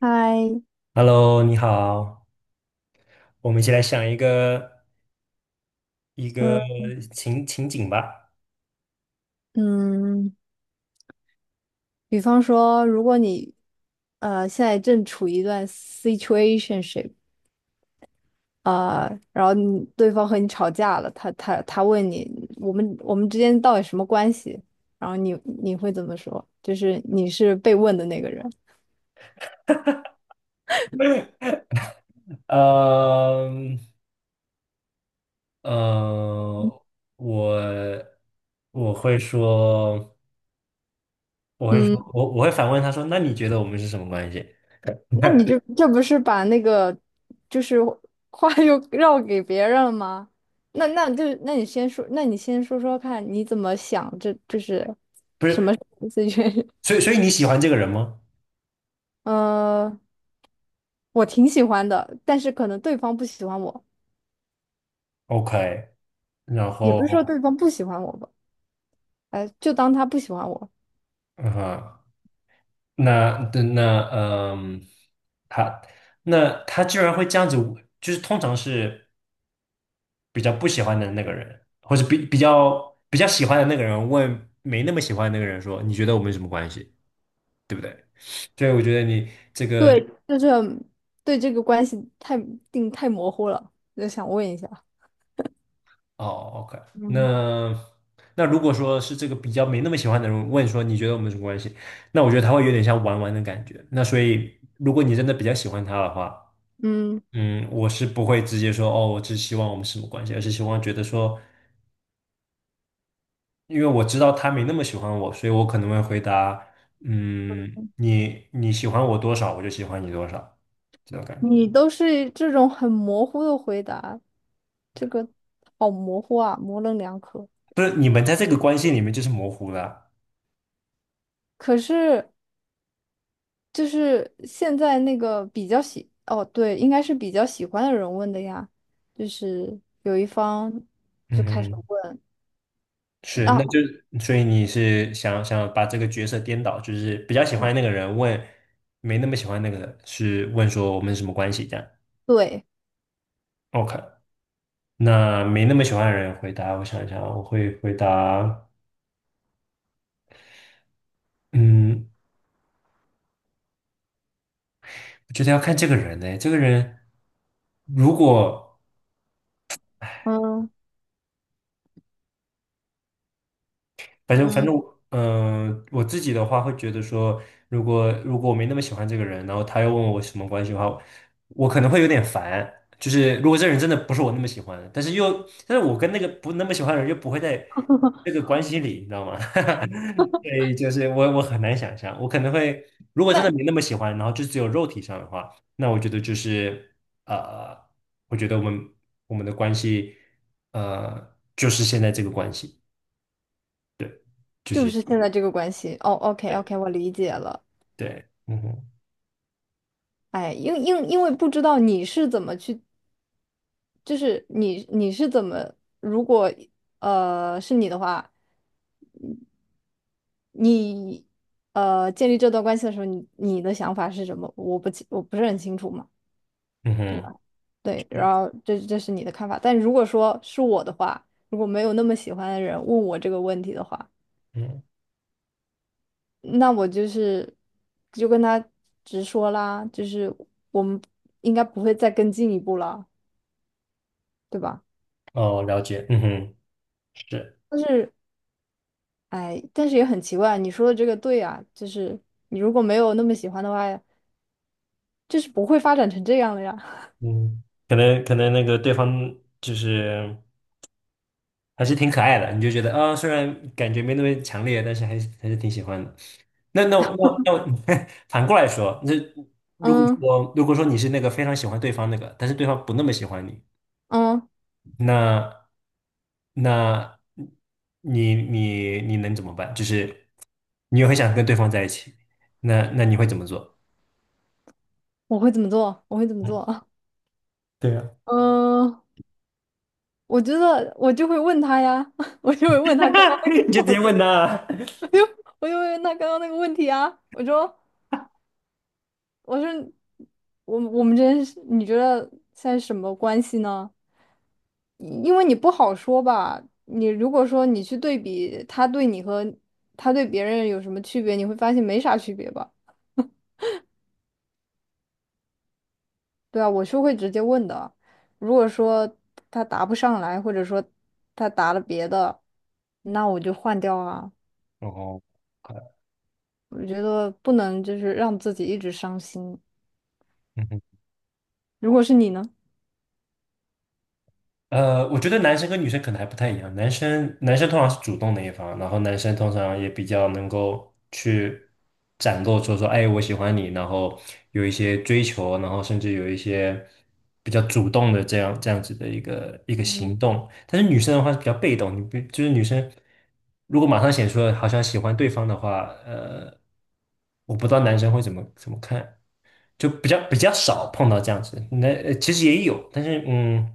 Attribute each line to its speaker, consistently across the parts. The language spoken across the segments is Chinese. Speaker 1: 嗨，
Speaker 2: Hello，你好，我们一起来想一个
Speaker 1: 嗯
Speaker 2: 情景吧。
Speaker 1: 嗯，比方说，如果你现在正处于一段 situationship，然后你对方和你吵架了，他问你，我们之间到底什么关系？然后你会怎么说？就是你是被问的那个人。
Speaker 2: 嗯呃，我我会说，我会说，
Speaker 1: 嗯，
Speaker 2: 我会反问他说，那你觉得我们是什么关系？
Speaker 1: 那你就这不是把那个就是话又 绕给别人了吗？那你先说，那你先说说看，你怎么想这？这是
Speaker 2: 不是，
Speaker 1: situation。
Speaker 2: 所以你喜欢这个人吗
Speaker 1: 呃，我挺喜欢的，但是可能对方不喜欢我，
Speaker 2: ？OK，然
Speaker 1: 也
Speaker 2: 后
Speaker 1: 不是说对方不喜欢我吧。哎，就当他不喜欢我。
Speaker 2: 嗯哼，那那那嗯，他那他居然会这样子，就是通常是。比较不喜欢的那个人，或者比较喜欢的那个人问没那么喜欢的那个人说，你觉得我们什么关系，对不对？所以我觉得
Speaker 1: 对，就是对这个关系太定太模糊了，就想问一下。
Speaker 2: 哦，OK。
Speaker 1: 嗯，
Speaker 2: 那那如果说是这个比较没那么喜欢的人问说你觉得我们什么关系，那我觉得他会有点像玩玩的感觉。那所以如果你真的比较喜欢他的话，
Speaker 1: 嗯，
Speaker 2: 嗯，我是不会直接说哦，我只希望我们什么关系，而是希望觉得说因为我知道他没那么喜欢我，所以我可能会回答，嗯，你喜欢我多少，我就喜欢你多少，这种感觉。
Speaker 1: 你都是这种很模糊的回答，这个好模糊啊，模棱两可。
Speaker 2: 不是你们在这个关系里面就是模糊了。
Speaker 1: 可是就是现在那个比较喜，哦，对，应该是比较喜欢的人问的呀，就是有一方就
Speaker 2: 嗯
Speaker 1: 开始
Speaker 2: 哼，
Speaker 1: 问。
Speaker 2: 是，那
Speaker 1: 那、
Speaker 2: 就所以你是想把这个角色颠倒，就是比较喜
Speaker 1: 嗯，
Speaker 2: 欢那个人问，没那么喜欢那个人是问说我们是什么关系这样
Speaker 1: 对，
Speaker 2: ，OK。那没那么喜欢的人回答，我想一想，我会回答，嗯，我觉得要看这个人呢、这个人如果
Speaker 1: 嗯
Speaker 2: 反正反
Speaker 1: 嗯，
Speaker 2: 正我，我自己的话会觉得说，如果我没那么喜欢这个人，然后他又问我什么关系的话，我可能会有点烦。就是如果这个人真的不是我那么喜欢的，但是又，但是我跟那个不那么喜欢的人又不会在这个关系里，你知道吗？所以就是我很难想象，我可能会如果真
Speaker 1: 那
Speaker 2: 的没那么喜欢，然后就只有肉体上的话，那我觉得就是呃，我觉得我们的关系就是现在这个关系，对，就
Speaker 1: 就
Speaker 2: 是。
Speaker 1: 是现在这个关系。哦，OK
Speaker 2: 对
Speaker 1: OK，我理解了。
Speaker 2: 对，嗯哼，
Speaker 1: 哎，因为不知道你是怎么去，就是你你是怎么，如果是你的话，你建立这段关系的时候，你你的想法是什么？我不是很清楚嘛，
Speaker 2: 嗯
Speaker 1: 对
Speaker 2: 哼，
Speaker 1: 吧？对，
Speaker 2: 对，
Speaker 1: 然后这是你的看法，但如果说是我的话，如果没有那么喜欢的人问我这个问题的话。
Speaker 2: 嗯，
Speaker 1: 那我就是就跟他直说啦，就是我们应该不会再更进一步了，对吧？
Speaker 2: 哦，了解，嗯哼，是，
Speaker 1: 但是，哎，但是也很奇怪，你说的这个对啊，就是你如果没有那么喜欢的话，就是不会发展成这样的呀。
Speaker 2: 嗯，可能那个对方就是还是挺可爱的，你就觉得啊、虽然感觉没那么强烈，但是还是还是挺喜欢的。那我 反过来说，那如果
Speaker 1: 嗯
Speaker 2: 说如果说你是那个非常喜欢对方那个，但是对方不那么喜欢你，
Speaker 1: 嗯，
Speaker 2: 那那你能怎么办？就是你又很想跟对方在一起，那你会怎么做？
Speaker 1: 我会怎么做？我会怎么
Speaker 2: 嗯，
Speaker 1: 做？
Speaker 2: 对啊，
Speaker 1: 嗯，我觉得我就会问他呀，我就会问他刚刚
Speaker 2: 你就
Speaker 1: 那
Speaker 2: 直接
Speaker 1: 个，
Speaker 2: 问他啊。
Speaker 1: 我就会问他刚刚那个问题啊，我说。我说我们之间是你觉得现在是什么关系呢？因为你不好说吧，你如果说你去对比他对你和他对别人有什么区别，你会发现没啥区别吧？对啊，我是会直接问的。如果说他答不上来，或者说他答了别的，那我就换掉啊。
Speaker 2: 哦，快，
Speaker 1: 我觉得不能就是让自己一直伤心。
Speaker 2: 嗯哼。
Speaker 1: 如果是你呢？
Speaker 2: 我觉得男生跟女生可能还不太一样，男生通常是主动的一方，然后男生通常也比较能够去展露出说，哎，我喜欢你，然后有一些追求，然后甚至有一些比较主动的这样子的一个行
Speaker 1: 嗯，
Speaker 2: 动，但是女生的话是比较被动，你不就是女生如果马上显出了好像喜欢对方的话，我不知道男生会怎么看，就比较少碰到这样子。那其实也有，但是嗯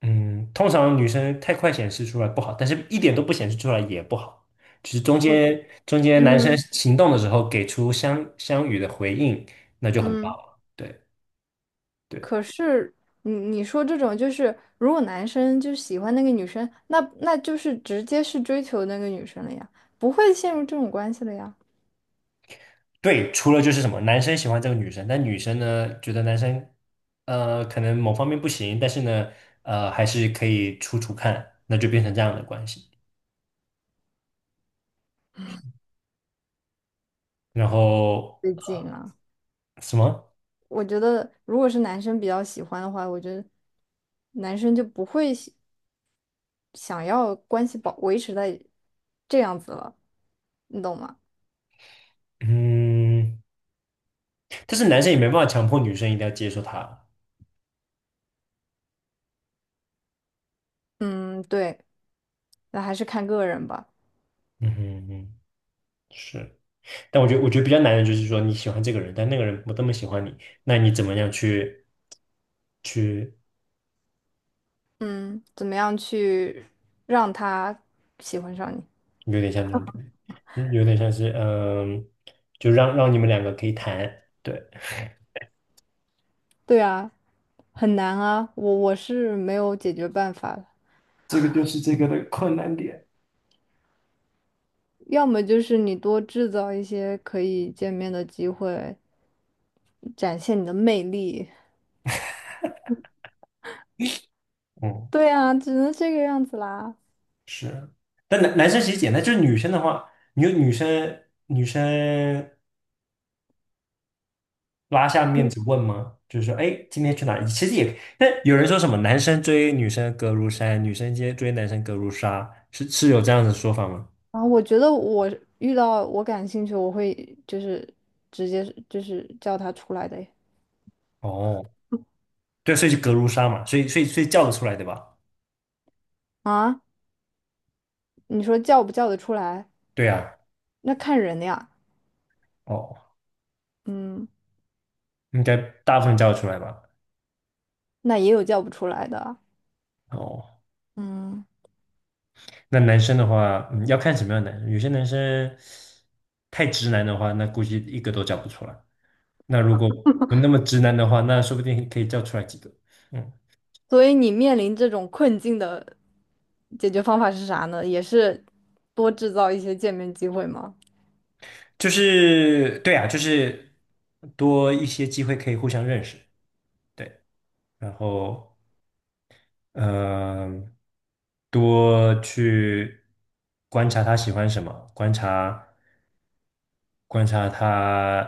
Speaker 2: 嗯，通常女生太快显示出来不好，但是一点都不显示出来也不好。就是中
Speaker 1: 我
Speaker 2: 间中间男生
Speaker 1: 嗯
Speaker 2: 行动的时候给出相与的回应，那就很棒
Speaker 1: 嗯。
Speaker 2: 了。对对
Speaker 1: 可是你你说这种就是，如果男生就喜欢那个女生，那就是直接是追求那个女生了呀，不会陷入这种关系了呀。
Speaker 2: 对，除了就是什么，男生喜欢这个女生，但女生呢觉得男生可能某方面不行，但是呢还是可以处看，那就变成这样的关系。然后
Speaker 1: 最近啊，
Speaker 2: 什么？
Speaker 1: 我觉得如果是男生比较喜欢的话，我觉得男生就不会想要关系维持在这样子了，你懂吗？
Speaker 2: 嗯。但是男生也没办法强迫女生一定要接受他。
Speaker 1: 嗯，对，那还是看个人吧。
Speaker 2: 嗯哼嗯，是。但我觉得，我觉得比较难的就是说，你喜欢这个人，但那个人不这么喜欢你，那你怎么样去去，
Speaker 1: 嗯，怎么样去让他喜欢上你？
Speaker 2: 有点像那种感觉，嗯有点像是嗯，就让你们两个可以谈。对，
Speaker 1: 对啊，很难啊，我是没有解决办法的。
Speaker 2: 这个就是这个的困难点。
Speaker 1: 要么就是你多制造一些可以见面的机会，展现你的魅力。
Speaker 2: 嗯，
Speaker 1: 对啊，只能这个样子啦。
Speaker 2: 是。但男生其实简单，就是女生的话，你有女生拉下面子问吗？就是说，哎，今天去哪里？其实也，但有人说什么男生追女生隔如山，女生接追男生隔如纱，是有这样的说法吗？
Speaker 1: 啊，我觉得我遇到我感兴趣，我会就是直接就是叫他出来的耶
Speaker 2: 哦，对，所以就隔如纱嘛，所以叫得出来对吧？
Speaker 1: 啊，你说叫不叫得出来？
Speaker 2: 对啊，
Speaker 1: 那看人呀。
Speaker 2: 哦，
Speaker 1: 嗯，
Speaker 2: 应该大部分叫得出来吧？
Speaker 1: 那也有叫不出来的啊。
Speaker 2: 哦，
Speaker 1: 嗯，
Speaker 2: 那男生的话，嗯，要看什么样的男生，有些男生太直男的话，那估计一个都叫不出来。那如果不那么直男的话，那说不定可以叫出来几个。嗯。
Speaker 1: 所以你面临这种困境的。解决方法是啥呢？也是多制造一些见面机会吗？
Speaker 2: 就是对啊，就是多一些机会可以互相认识，对，然后嗯、呃多去观察他喜欢什么，观察他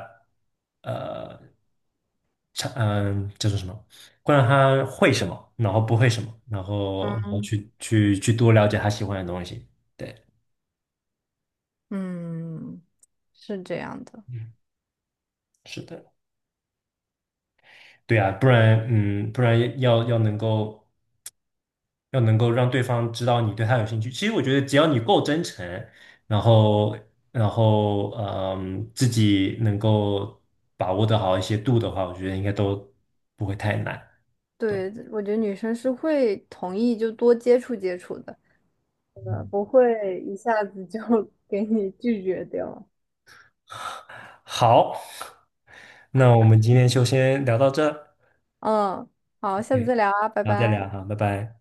Speaker 2: 呃，叫做什么，观察他会什么，然后不会什么，然后然后
Speaker 1: 嗯，
Speaker 2: 去去去多了解他喜欢的东西，对，
Speaker 1: 嗯，是这样的。
Speaker 2: 嗯，是的。对啊，不然嗯，不然要能够。要能够让对方知道你对他有兴趣。其实我觉得，只要你够真诚，然后，然后，嗯，自己能够把握得好一些度的话，我觉得应该都不会太难。对，
Speaker 1: 对，我觉得女生是会同意就多接触接触的，
Speaker 2: 嗯，
Speaker 1: 不会一下子就 给你拒绝掉。
Speaker 2: 好，那我们今天就先聊到这
Speaker 1: 嗯，好，下次
Speaker 2: ，OK,
Speaker 1: 再聊啊，拜
Speaker 2: 然后再
Speaker 1: 拜。
Speaker 2: 聊哈，拜拜。